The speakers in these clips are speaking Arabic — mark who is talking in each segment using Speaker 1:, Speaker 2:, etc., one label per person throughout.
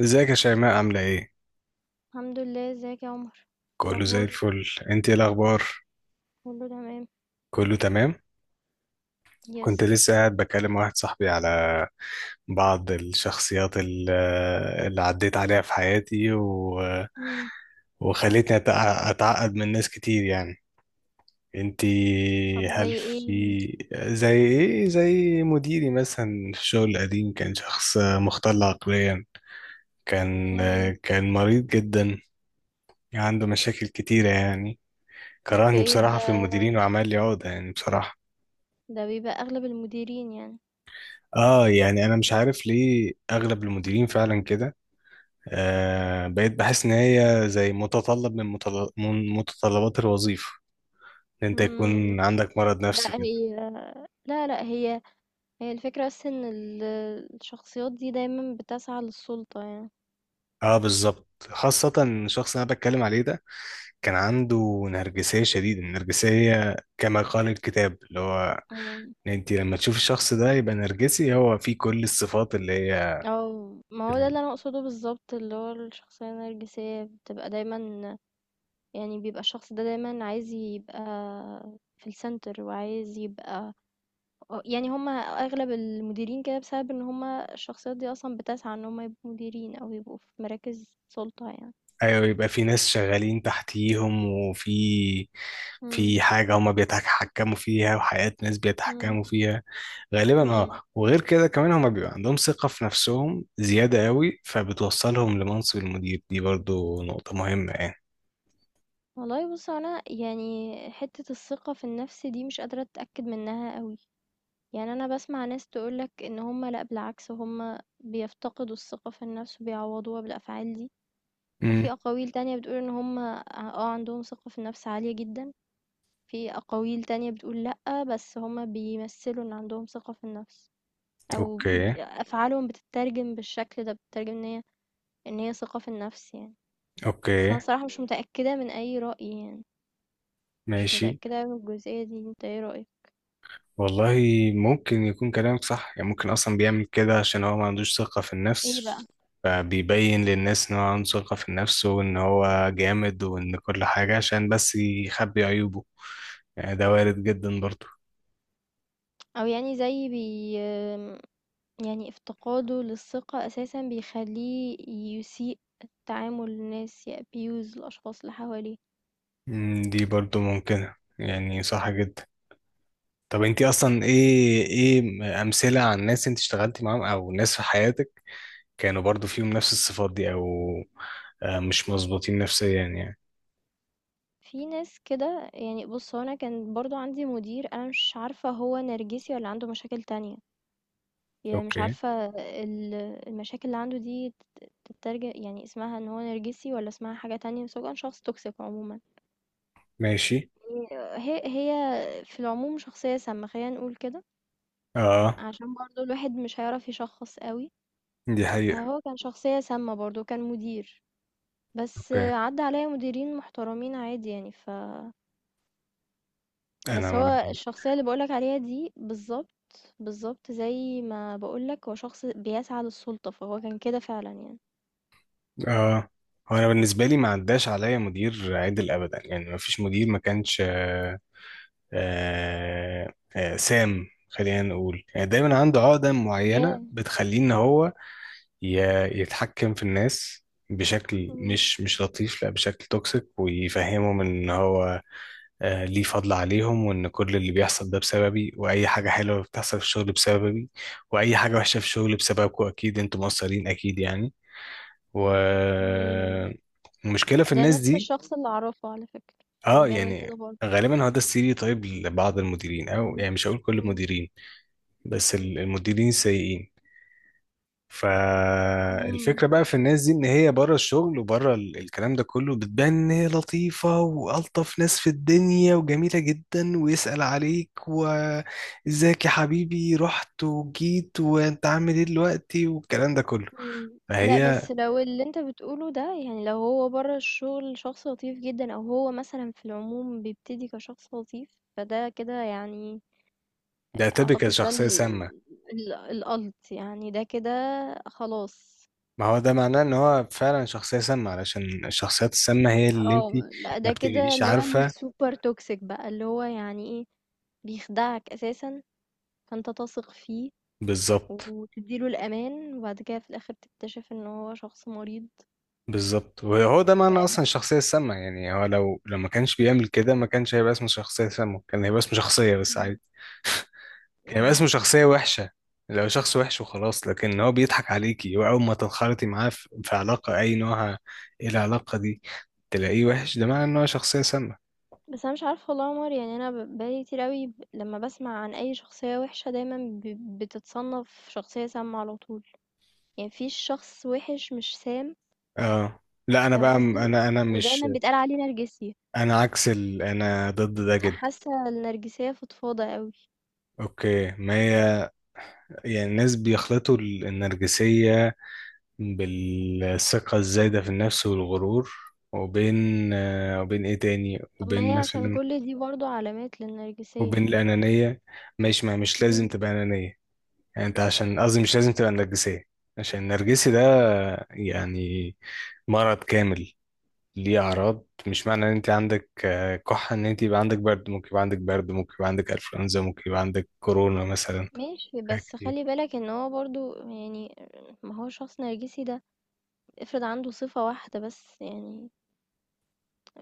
Speaker 1: ازيك يا شيماء عاملة ايه؟
Speaker 2: الحمد لله. ازيك يا عمر؟ إيه
Speaker 1: كله زي
Speaker 2: الاخبار؟
Speaker 1: الفل. انت ايه الاخبار؟
Speaker 2: كله تمام.
Speaker 1: كله تمام؟
Speaker 2: يس.
Speaker 1: كنت لسه قاعد بكلم واحد صاحبي على بعض اللي عديت عليها في حياتي
Speaker 2: مم.
Speaker 1: وخلتني أتع- اتعقد من ناس كتير يعني انت.
Speaker 2: طب
Speaker 1: هل
Speaker 2: زي ايه؟
Speaker 1: في زي ايه، زي مديري مثلا في الشغل القديم، كان شخص مختل عقليا. كان
Speaker 2: مم.
Speaker 1: كان مريض جدا، عنده مشاكل كتيرة يعني، كرهني
Speaker 2: اوكي.
Speaker 1: بصراحة
Speaker 2: ده
Speaker 1: في المديرين وعمل لي عقدة يعني بصراحة.
Speaker 2: ده بيبقى اغلب المديرين يعني.
Speaker 1: اه، يعني انا مش عارف ليه اغلب المديرين فعلا كده. آه، بقيت بحس ان هي زي متطلب من متطلبات الوظيفة، ان انت
Speaker 2: مم.
Speaker 1: يكون عندك مرض نفسي
Speaker 2: لا،
Speaker 1: كده.
Speaker 2: هي، لا، لا، هي الفكرة بس ان الشخصيات دي دايما بتسعى للسلطة يعني.
Speaker 1: اه بالظبط، خاصة الشخص اللي انا بتكلم عليه ده كان عنده نرجسية، شديدة النرجسية كما قال الكتاب، اللي هو
Speaker 2: مم.
Speaker 1: إن انت لما تشوف الشخص ده يبقى نرجسي هو فيه كل الصفات اللي هي.
Speaker 2: او ما هو ده اللي انا اقصده بالظبط، اللي هو الشخصية النرجسية بتبقى دايما، يعني بيبقى الشخص ده دايما عايز يبقى في السنتر، وعايز يبقى آه، يعني هم أغلب المديرين كده بسبب إن هم الشخصيات دي أصلًا بتسعى إن هم يبقوا مديرين أو يبقوا في مراكز سُلطة يعني.
Speaker 1: ايوه، يبقى في ناس شغالين تحتيهم، وفي
Speaker 2: إمم،
Speaker 1: في حاجة هما بيتحكموا فيها، وحياة ناس
Speaker 2: إمم.
Speaker 1: بيتحكموا فيها غالبا.
Speaker 2: إمم.
Speaker 1: اه، وغير كده كمان هما بيبقى عندهم ثقة في نفسهم زيادة قوي، فبتوصلهم لمنصب المدير. دي برضو نقطة مهمة يعني.
Speaker 2: والله بُص، هو أنا يعني حتّة الثقة في النَفْس دي مش قادرة أتأكد منها أوي. يعني أنا باسمع ناس تقول لك إن هم لأ، بالعكس هم بيفتقدوا الثقة في النَفْس وبيعوّضوها بالأفعال دي،
Speaker 1: امم،
Speaker 2: وفي أقاويل تانية بتقول إن هم آه، عندهم ثقة في النَفْس عالية جدًا، في أقاويل تانية بتقول لأ، بس هم بيمثّلوا إن عندهم ثقة في النَفْس.
Speaker 1: اوكي،
Speaker 2: افعالهم بتترجم بالشكل ده، بتترجم ان هي ثقة في النفس يعني. بس
Speaker 1: اوكي،
Speaker 2: انا صراحة مش متأكدة من اي رأي يعني، مش
Speaker 1: ماشي.
Speaker 2: متأكدة من الجزئية دي. انت ايه رأيك؟
Speaker 1: والله ممكن يكون كلامك صح، يعني ممكن اصلا بيعمل كده عشان هو ما عندوش ثقة في
Speaker 2: ايه
Speaker 1: النفس،
Speaker 2: بقى؟
Speaker 1: فبيبين للناس ان هو عنده ثقة في النفس وان هو جامد وان كل حاجة عشان بس يخبي عيوبه، يعني ده وارد جدا برضو.
Speaker 2: او يعني زي بي يعني افتقاده للثقة اساسا بيخليه يسيء تعامل الناس، يأبيوز الاشخاص اللي حواليه.
Speaker 1: مم، دي برضو ممكنة، يعني صح جدا. طب انتي اصلا ايه،
Speaker 2: مم.
Speaker 1: ايه امثلة عن ناس انت اشتغلتي معاهم او ناس في حياتك كانوا برضو فيهم نفس الصفات دي، آه، مش مظبوطين نفسيا يعني.
Speaker 2: في ناس كده يعني. بص، هو انا كان برضو عندي مدير، انا مش عارفة هو نرجسي ولا عنده مشاكل تانية، يعني مش
Speaker 1: اوكي،
Speaker 2: عارفة ال المشاكل اللي عنده دي تت تترج يعني اسمها إن هو نرجسي والّا اسمها حاجة تانية، بس هو كان شخص toxic عمومًا.
Speaker 1: ماشي.
Speaker 2: هي في العموم شخصية سامة، خلّينا نقول كده،
Speaker 1: اه
Speaker 2: عشان برضه الواحد مش هيعرف يشخّص أوي.
Speaker 1: دي حقيقة.
Speaker 2: هو كان شخصية سامة برضه، كان مدير، بس
Speaker 1: اوكي.
Speaker 2: عدّى عليَّ مديرين محترمين عادي يعني.
Speaker 1: انا
Speaker 2: بس
Speaker 1: ما
Speaker 2: هو الشخصية اللي باقول لك عليها دي بالضبط، بالضبط زي ما باقول لك هو شخص بيسعى للسُلطة، فهو كان كده فعلًا يعني.
Speaker 1: اه، هو انا بالنسبه لي ما عداش عليا مدير عدل ابدا، يعني ما فيش مدير ما كانش آه سام خلينا نقول. يعني دايما عنده عقده معينه
Speaker 2: ياه!
Speaker 1: بتخليه ان هو يتحكم في الناس بشكل
Speaker 2: إمم.
Speaker 1: مش لطيف، لا بشكل توكسيك، ويفهمهم ان هو آه ليه فضل عليهم، وان كل اللي بيحصل ده بسببي، واي حاجه حلوه بتحصل في الشغل بسببي، واي حاجه وحشه في الشغل بسببكم، اكيد انتوا مقصرين اكيد يعني.
Speaker 2: إمم.
Speaker 1: والمشكلة في
Speaker 2: ده
Speaker 1: الناس
Speaker 2: نفس
Speaker 1: دي،
Speaker 2: الشخص اللي أعرفه على فكرة،
Speaker 1: اه
Speaker 2: كان بيعمل كده
Speaker 1: يعني
Speaker 2: برضه.
Speaker 1: غالبا هو ده السيري، طيب لبعض المديرين، او
Speaker 2: إمم،
Speaker 1: يعني مش هقول كل
Speaker 2: إمم،
Speaker 1: المديرين، بس المديرين السيئين.
Speaker 2: إمم،
Speaker 1: فالفكرة بقى في الناس دي ان هي بره الشغل وبره الكلام ده كله بتبان ان هي لطيفة والطف ناس في الدنيا وجميلة جدا، ويسأل عليك، وازيك يا حبيبي، رحت وجيت وانت عامل ايه دلوقتي، والكلام ده كله.
Speaker 2: إمم. لأ،
Speaker 1: فهي
Speaker 2: بس لو اللي أنت بتقوله ده يعني، لو هو برّه الشغل شخص لطيف جدًا أو هو مثلًا في العموم بيبتدي كشخص لطيف، فده كده يعني
Speaker 1: ده تبقى
Speaker 2: أعتقد ده
Speaker 1: شخصية
Speaker 2: ال
Speaker 1: سامة.
Speaker 2: ال الألت يعني، ده كده خلاص.
Speaker 1: ما هو ده معناه ان هو فعلا شخصية سامة، علشان الشخصيات السامة هي اللي انت
Speaker 2: آه، لأ
Speaker 1: ما
Speaker 2: ده كده
Speaker 1: بتبقيش
Speaker 2: اللي هو
Speaker 1: عارفة.
Speaker 2: الsuper toxic بقى، اللي هو يعني إيه، بيخدعك أساسًا فأنت تثق فيه
Speaker 1: بالظبط،
Speaker 2: وتديله الأمان وبعد كده في الآخر تكتشف إن هو شخص مريض
Speaker 1: بالظبط. وهو ده معنى
Speaker 2: مرعبة.
Speaker 1: اصلا الشخصية السامة، يعني هو لو لو ما كانش بيعمل كده ما كانش هيبقى اسمه شخصية سامة، كان هيبقى اسمه شخصية بس
Speaker 2: مم.
Speaker 1: عادي، كان هيبقى اسمه شخصية وحشة لو شخص وحش وخلاص. لكن هو بيضحك عليكي، واول ما تنخرطي معاه في في علاقة اي نوعها، ايه العلاقة دي، تلاقيه وحش، ده معنى ان هو شخصية سامة.
Speaker 2: بس أنا مش عارفة والله يا عمر، يعني أنا بقالي كتير أوي، لما بسمع عن أي شخصية وحشة دايما بتتصنف شخصية سامة على طول، يعني مفيش شخص وحش مش سام،
Speaker 1: اه. لا انا
Speaker 2: فاهم
Speaker 1: بقى
Speaker 2: قصدي؟
Speaker 1: انا انا مش
Speaker 2: ودايما بيتقال عليه نرجسي،
Speaker 1: انا انا ضد ده جدا.
Speaker 2: حاسة النرجسية فضفاضة أوي.
Speaker 1: اوكي، ما هي يعني الناس بيخلطوا النرجسية بالثقة الزايدة في النفس والغرور، وبين آه، وبين ايه تاني،
Speaker 2: طب ما هي
Speaker 1: وبين
Speaker 2: عشان
Speaker 1: مثلا
Speaker 2: كل دي برضو علامات للنرجسية.
Speaker 1: وبين الأنانية. ماشي، ما مش لازم
Speaker 2: مم.
Speaker 1: تبقى أنانية، يعني انت عشان قصدي مش لازم تبقى نرجسية. عشان النرجسي ده يعني مرض كامل، ليه أعراض. مش معنى ان انت عندك آه، كحة ان انت يبقى عندك برد، ممكن يبقى عندك برد، ممكن يبقى عندك انفلونزا، ممكن يبقى عندك كورونا مثلا،
Speaker 2: ماشي،
Speaker 1: حاجات
Speaker 2: بس
Speaker 1: كتير.
Speaker 2: خلي بالك ان هو برضو يعني، ما هو شخص نرجسي ده افرض عنده صفة واحدة بس يعني،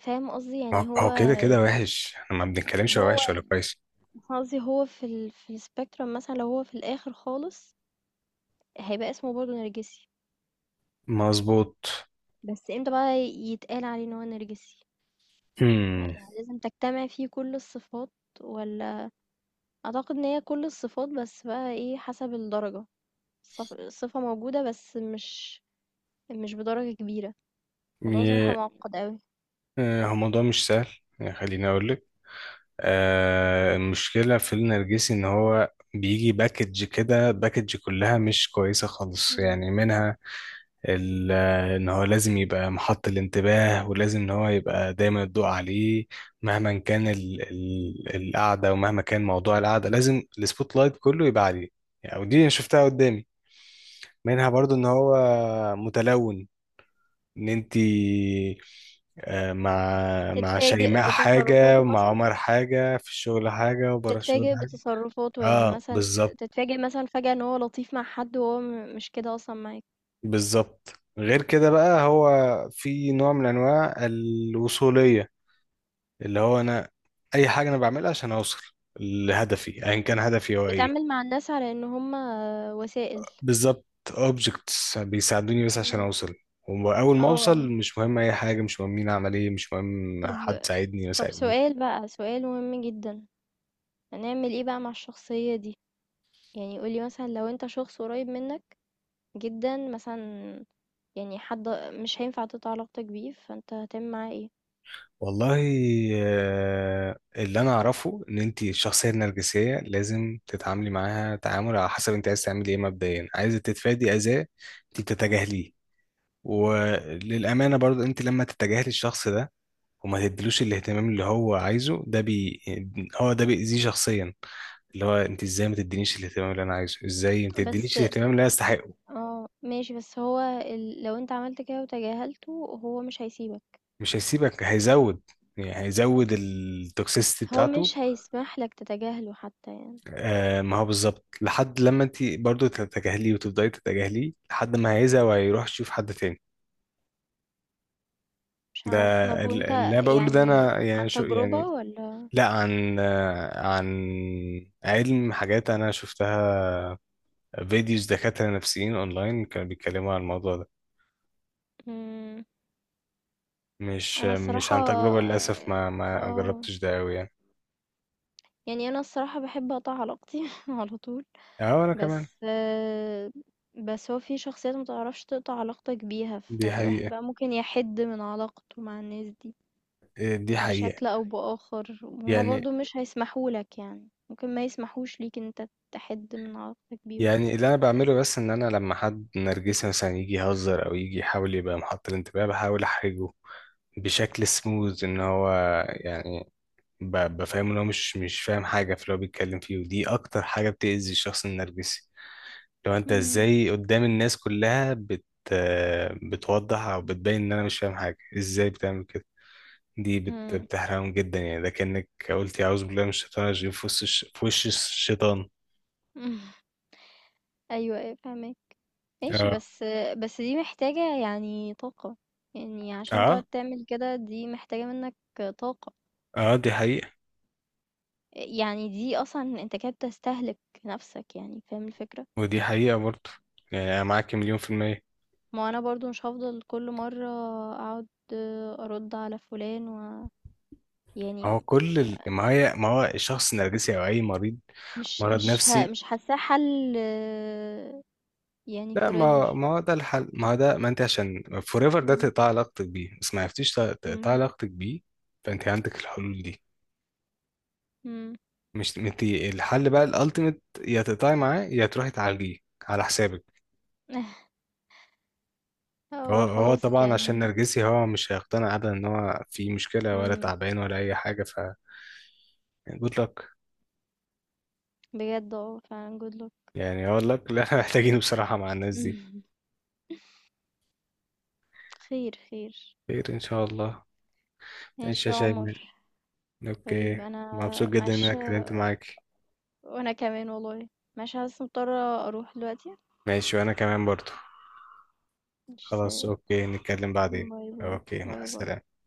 Speaker 2: فاهم قصدي؟ يعني
Speaker 1: ما
Speaker 2: هو
Speaker 1: هو كده كده وحش، احنا ما بنتكلمش هو
Speaker 2: هو
Speaker 1: وحش ولا كويس.
Speaker 2: قصدي هو في السبيكترم مثلًا، لو هو في الآخر خالص هيبقى اسمه برضه نرجسي،
Speaker 1: مظبوط.
Speaker 2: بس امتى بقى يتقال عليه إن هو نرجسي؟
Speaker 1: امم.
Speaker 2: يعني لازم تجتمع فيه كل الصفات والّا؟ أعتقد إن هي كل الصفات، بس بقى إيه حسب الدرجة، الصفة موجودة بس مش مش بدرجة كبيرة، الموضوع صراحة
Speaker 1: ي-
Speaker 2: معقد أوي.
Speaker 1: آه، هو الموضوع مش سهل. يعني خليني اقول لك، آه، المشكله في النرجسي ان هو بيجي باكج كده، باكج كلها مش كويسه خالص،
Speaker 2: إمم.
Speaker 1: يعني منها آه، ان هو لازم يبقى محط الانتباه، ولازم ان هو يبقى دايما الضوء عليه، مهما كان ال القعده، ومهما كان موضوع القعده لازم السبوت لايت كله يبقى عليه يعني. ودي أنا شفتها قدامي. منها برضو ان هو متلون، ان انتي آه، مع
Speaker 2: تتفاجئ
Speaker 1: شيماء حاجة،
Speaker 2: بتصرفاته
Speaker 1: ومع
Speaker 2: مثلًا؟
Speaker 1: عمر حاجة، في الشغل حاجة، وبره الشغل
Speaker 2: تتفاجئ
Speaker 1: حاجة.
Speaker 2: بتصرفاته يعني
Speaker 1: اه
Speaker 2: مثلًا
Speaker 1: بالظبط،
Speaker 2: تتفاجئ مثلًا فجأة إن هو لطيف مع حد وهو مش كده أصلًا معاك،
Speaker 1: بالظبط. غير كده بقى هو في نوع من انواع الوصولية، اللي هو انا اي حاجة انا بعملها عشان اوصل لهدفي، ايا كان هدفي هو
Speaker 2: بيتعامل
Speaker 1: ايه.
Speaker 2: مع الناس على إن هم وسائل.
Speaker 1: بالظبط، objects بيساعدوني بس عشان
Speaker 2: إمم.
Speaker 1: اوصل، واول
Speaker 2: آه،
Speaker 1: ما
Speaker 2: آه.
Speaker 1: اوصل مش مهم اي حاجة، مش مهم مين عمل ايه، مش مهم حد
Speaker 2: طب
Speaker 1: ساعدني ما
Speaker 2: طب
Speaker 1: ساعدنيش.
Speaker 2: سؤال بقى، سؤال مهم جدًا، هنعمل إيه بقى مع الشخصية دي؟ يعني قُل لي مثلًا، لو أنت شخص قريب منك جدًا مثلًا، يعني حد مش هينفع تقطع علاقتك بيه، فأنت هتعمل معاه إيه؟
Speaker 1: والله آه، اللي انا اعرفه ان انت الشخصيه النرجسيه لازم تتعاملي معاها تعامل على حسب انت عايز تعملي ايه. مبدئيا عايزه تتفادي اذاه، انت بتتجاهليه. وللامانه برضو انت لما تتجاهلي الشخص ده وما تديلوش الاهتمام اللي هو عايزه ده هو ده بيأذيه شخصيا، اللي هو انت ازاي ما تدينيش الاهتمام اللي انا عايزه، ازاي ما
Speaker 2: بس
Speaker 1: تدينيش الاهتمام اللي انا استحقه.
Speaker 2: آه، ماشي بس هو لو أنت عملت كده وتجاهلته هو مش هيسيبك.
Speaker 1: مش هيسيبك، هيزود، يعني هيزود التوكسيستي
Speaker 2: هو
Speaker 1: بتاعته.
Speaker 2: مش هيسمح لك تتجاهله حتى يعني.
Speaker 1: آه ما هو بالظبط، لحد لما انت برضو تتجاهليه وتفضلي تتجاهليه، لحد ما هيزهق وهيروح يشوف حد تاني.
Speaker 2: مش
Speaker 1: ده
Speaker 2: عارفة، طب وانت
Speaker 1: اللي انا بقوله ده
Speaker 2: يعني
Speaker 1: انا يعني
Speaker 2: عن
Speaker 1: شو
Speaker 2: تجربة
Speaker 1: يعني،
Speaker 2: ولا؟
Speaker 1: لا، عن آه، عن علم، حاجات انا شفتها، فيديوز دكاترة نفسيين اونلاين كانوا بيتكلموا عن الموضوع ده.
Speaker 2: مم.
Speaker 1: مش
Speaker 2: انا
Speaker 1: مش
Speaker 2: الصراحة،
Speaker 1: عن تجربة للاسف، ما
Speaker 2: اه
Speaker 1: جربتش ده قوي يعني.
Speaker 2: يعني انا الصراحة بحب اقطع علاقتي على طول.
Speaker 1: اه انا كمان.
Speaker 2: بس آه، بس هو في شخصيات متعرفش تقطع علاقتك بيها
Speaker 1: دي
Speaker 2: فالواحد
Speaker 1: حقيقة،
Speaker 2: بقى ممكن يحد من علاقته مع الناس دي
Speaker 1: آه، دي حقيقة.
Speaker 2: بشكل او بآخر، هما
Speaker 1: يعني
Speaker 2: برضو مش هيسمحولك يعني، ممكن ما يسمحوش ليك ان انت تحد من علاقتك بيهم.
Speaker 1: يعني اللي انا بعمله بس ان انا لما حد نرجسي مثلا يجي يهزر او يجي يحاول يبقى محط الانتباه، بحاول احرجه بشكل سموز، ان هو يعني بفهمه ان هو مش فاهم حاجه في اللي هو بيتكلم فيه، ودي اكتر حاجه بتأذي الشخص النرجسي. لو انت
Speaker 2: مم.
Speaker 1: ازاي قدام الناس كلها بتوضح او بتبين ان انا مش فاهم حاجه، ازاي بتعمل كده،
Speaker 2: مم.
Speaker 1: بتحرقهم جدا يعني، ده كأنك قلت يا أعوذ بالله من الشيطان الرجيم في وش الشيطان.
Speaker 2: أيوه، أيوه، فاهماك، ماشي.
Speaker 1: اه،
Speaker 2: بس دي محتاجة يعني طاقة، يعني عشان تقعد
Speaker 1: اه،
Speaker 2: تعمل كده دي محتاجة منك طاقة،
Speaker 1: اه دي حقيقة.
Speaker 2: يعني دي أصلًا أنت كده بتستهلك نفسك يعني، فاهم الفكرة؟
Speaker 1: ودي حقيقة برضه، يعني أنا معاك 100%.
Speaker 2: ما هو أنا برضه مش هافضل كل مرة أقعد أرُد على فلان يعني
Speaker 1: ما هي ما هو الشخص النرجسي أو أي مريض
Speaker 2: مش
Speaker 1: مرض
Speaker 2: مش ه
Speaker 1: نفسي.
Speaker 2: مش حاساه حل يعني
Speaker 1: لا،
Speaker 2: forever.
Speaker 1: ما ما هو ده الحل، ما هو ده، ما أنت عشان فور ايفر ده
Speaker 2: إمم،
Speaker 1: تقطع علاقتك بيه، بس ما عرفتيش تقطع
Speaker 2: إمم.
Speaker 1: علاقتك بيه، فأنت عندك الحلول دي.
Speaker 2: إمم،
Speaker 1: مش أنت الحل بقى الألتيميت، يا تقطعي معاه يا تروحي تعالجيه على حسابك.
Speaker 2: هو
Speaker 1: هو هو
Speaker 2: خلاص
Speaker 1: طبعا عشان
Speaker 2: يعني.
Speaker 1: نرجسي هو مش هيقتنع أبدا إن هو في مشكلة ولا
Speaker 2: إمم،
Speaker 1: تعبان ولا أي حاجة، ف يعني good luck.
Speaker 2: بجد آه فعلًا good luck.
Speaker 1: يعني أقول لك اللي احنا محتاجينه بصراحة مع الناس دي.
Speaker 2: خير، خير.
Speaker 1: خير إن شاء الله. إيش
Speaker 2: ماشي
Speaker 1: يا
Speaker 2: يا عمر.
Speaker 1: شيماء،
Speaker 2: طيب
Speaker 1: أوكي
Speaker 2: انا
Speaker 1: مبسوط جدا إن أنا
Speaker 2: ماشي،
Speaker 1: اتكلمت معاك.
Speaker 2: وانا كمان والله، ماشي بس مضطرة اروح دلوقتي.
Speaker 1: ماشي وأنا كمان برضو.
Speaker 2: ماشي،
Speaker 1: خلاص
Speaker 2: سلام.
Speaker 1: أوكي، نتكلم بعدين.
Speaker 2: باي باي.
Speaker 1: أوكي، مع
Speaker 2: باي باي.
Speaker 1: السلامة.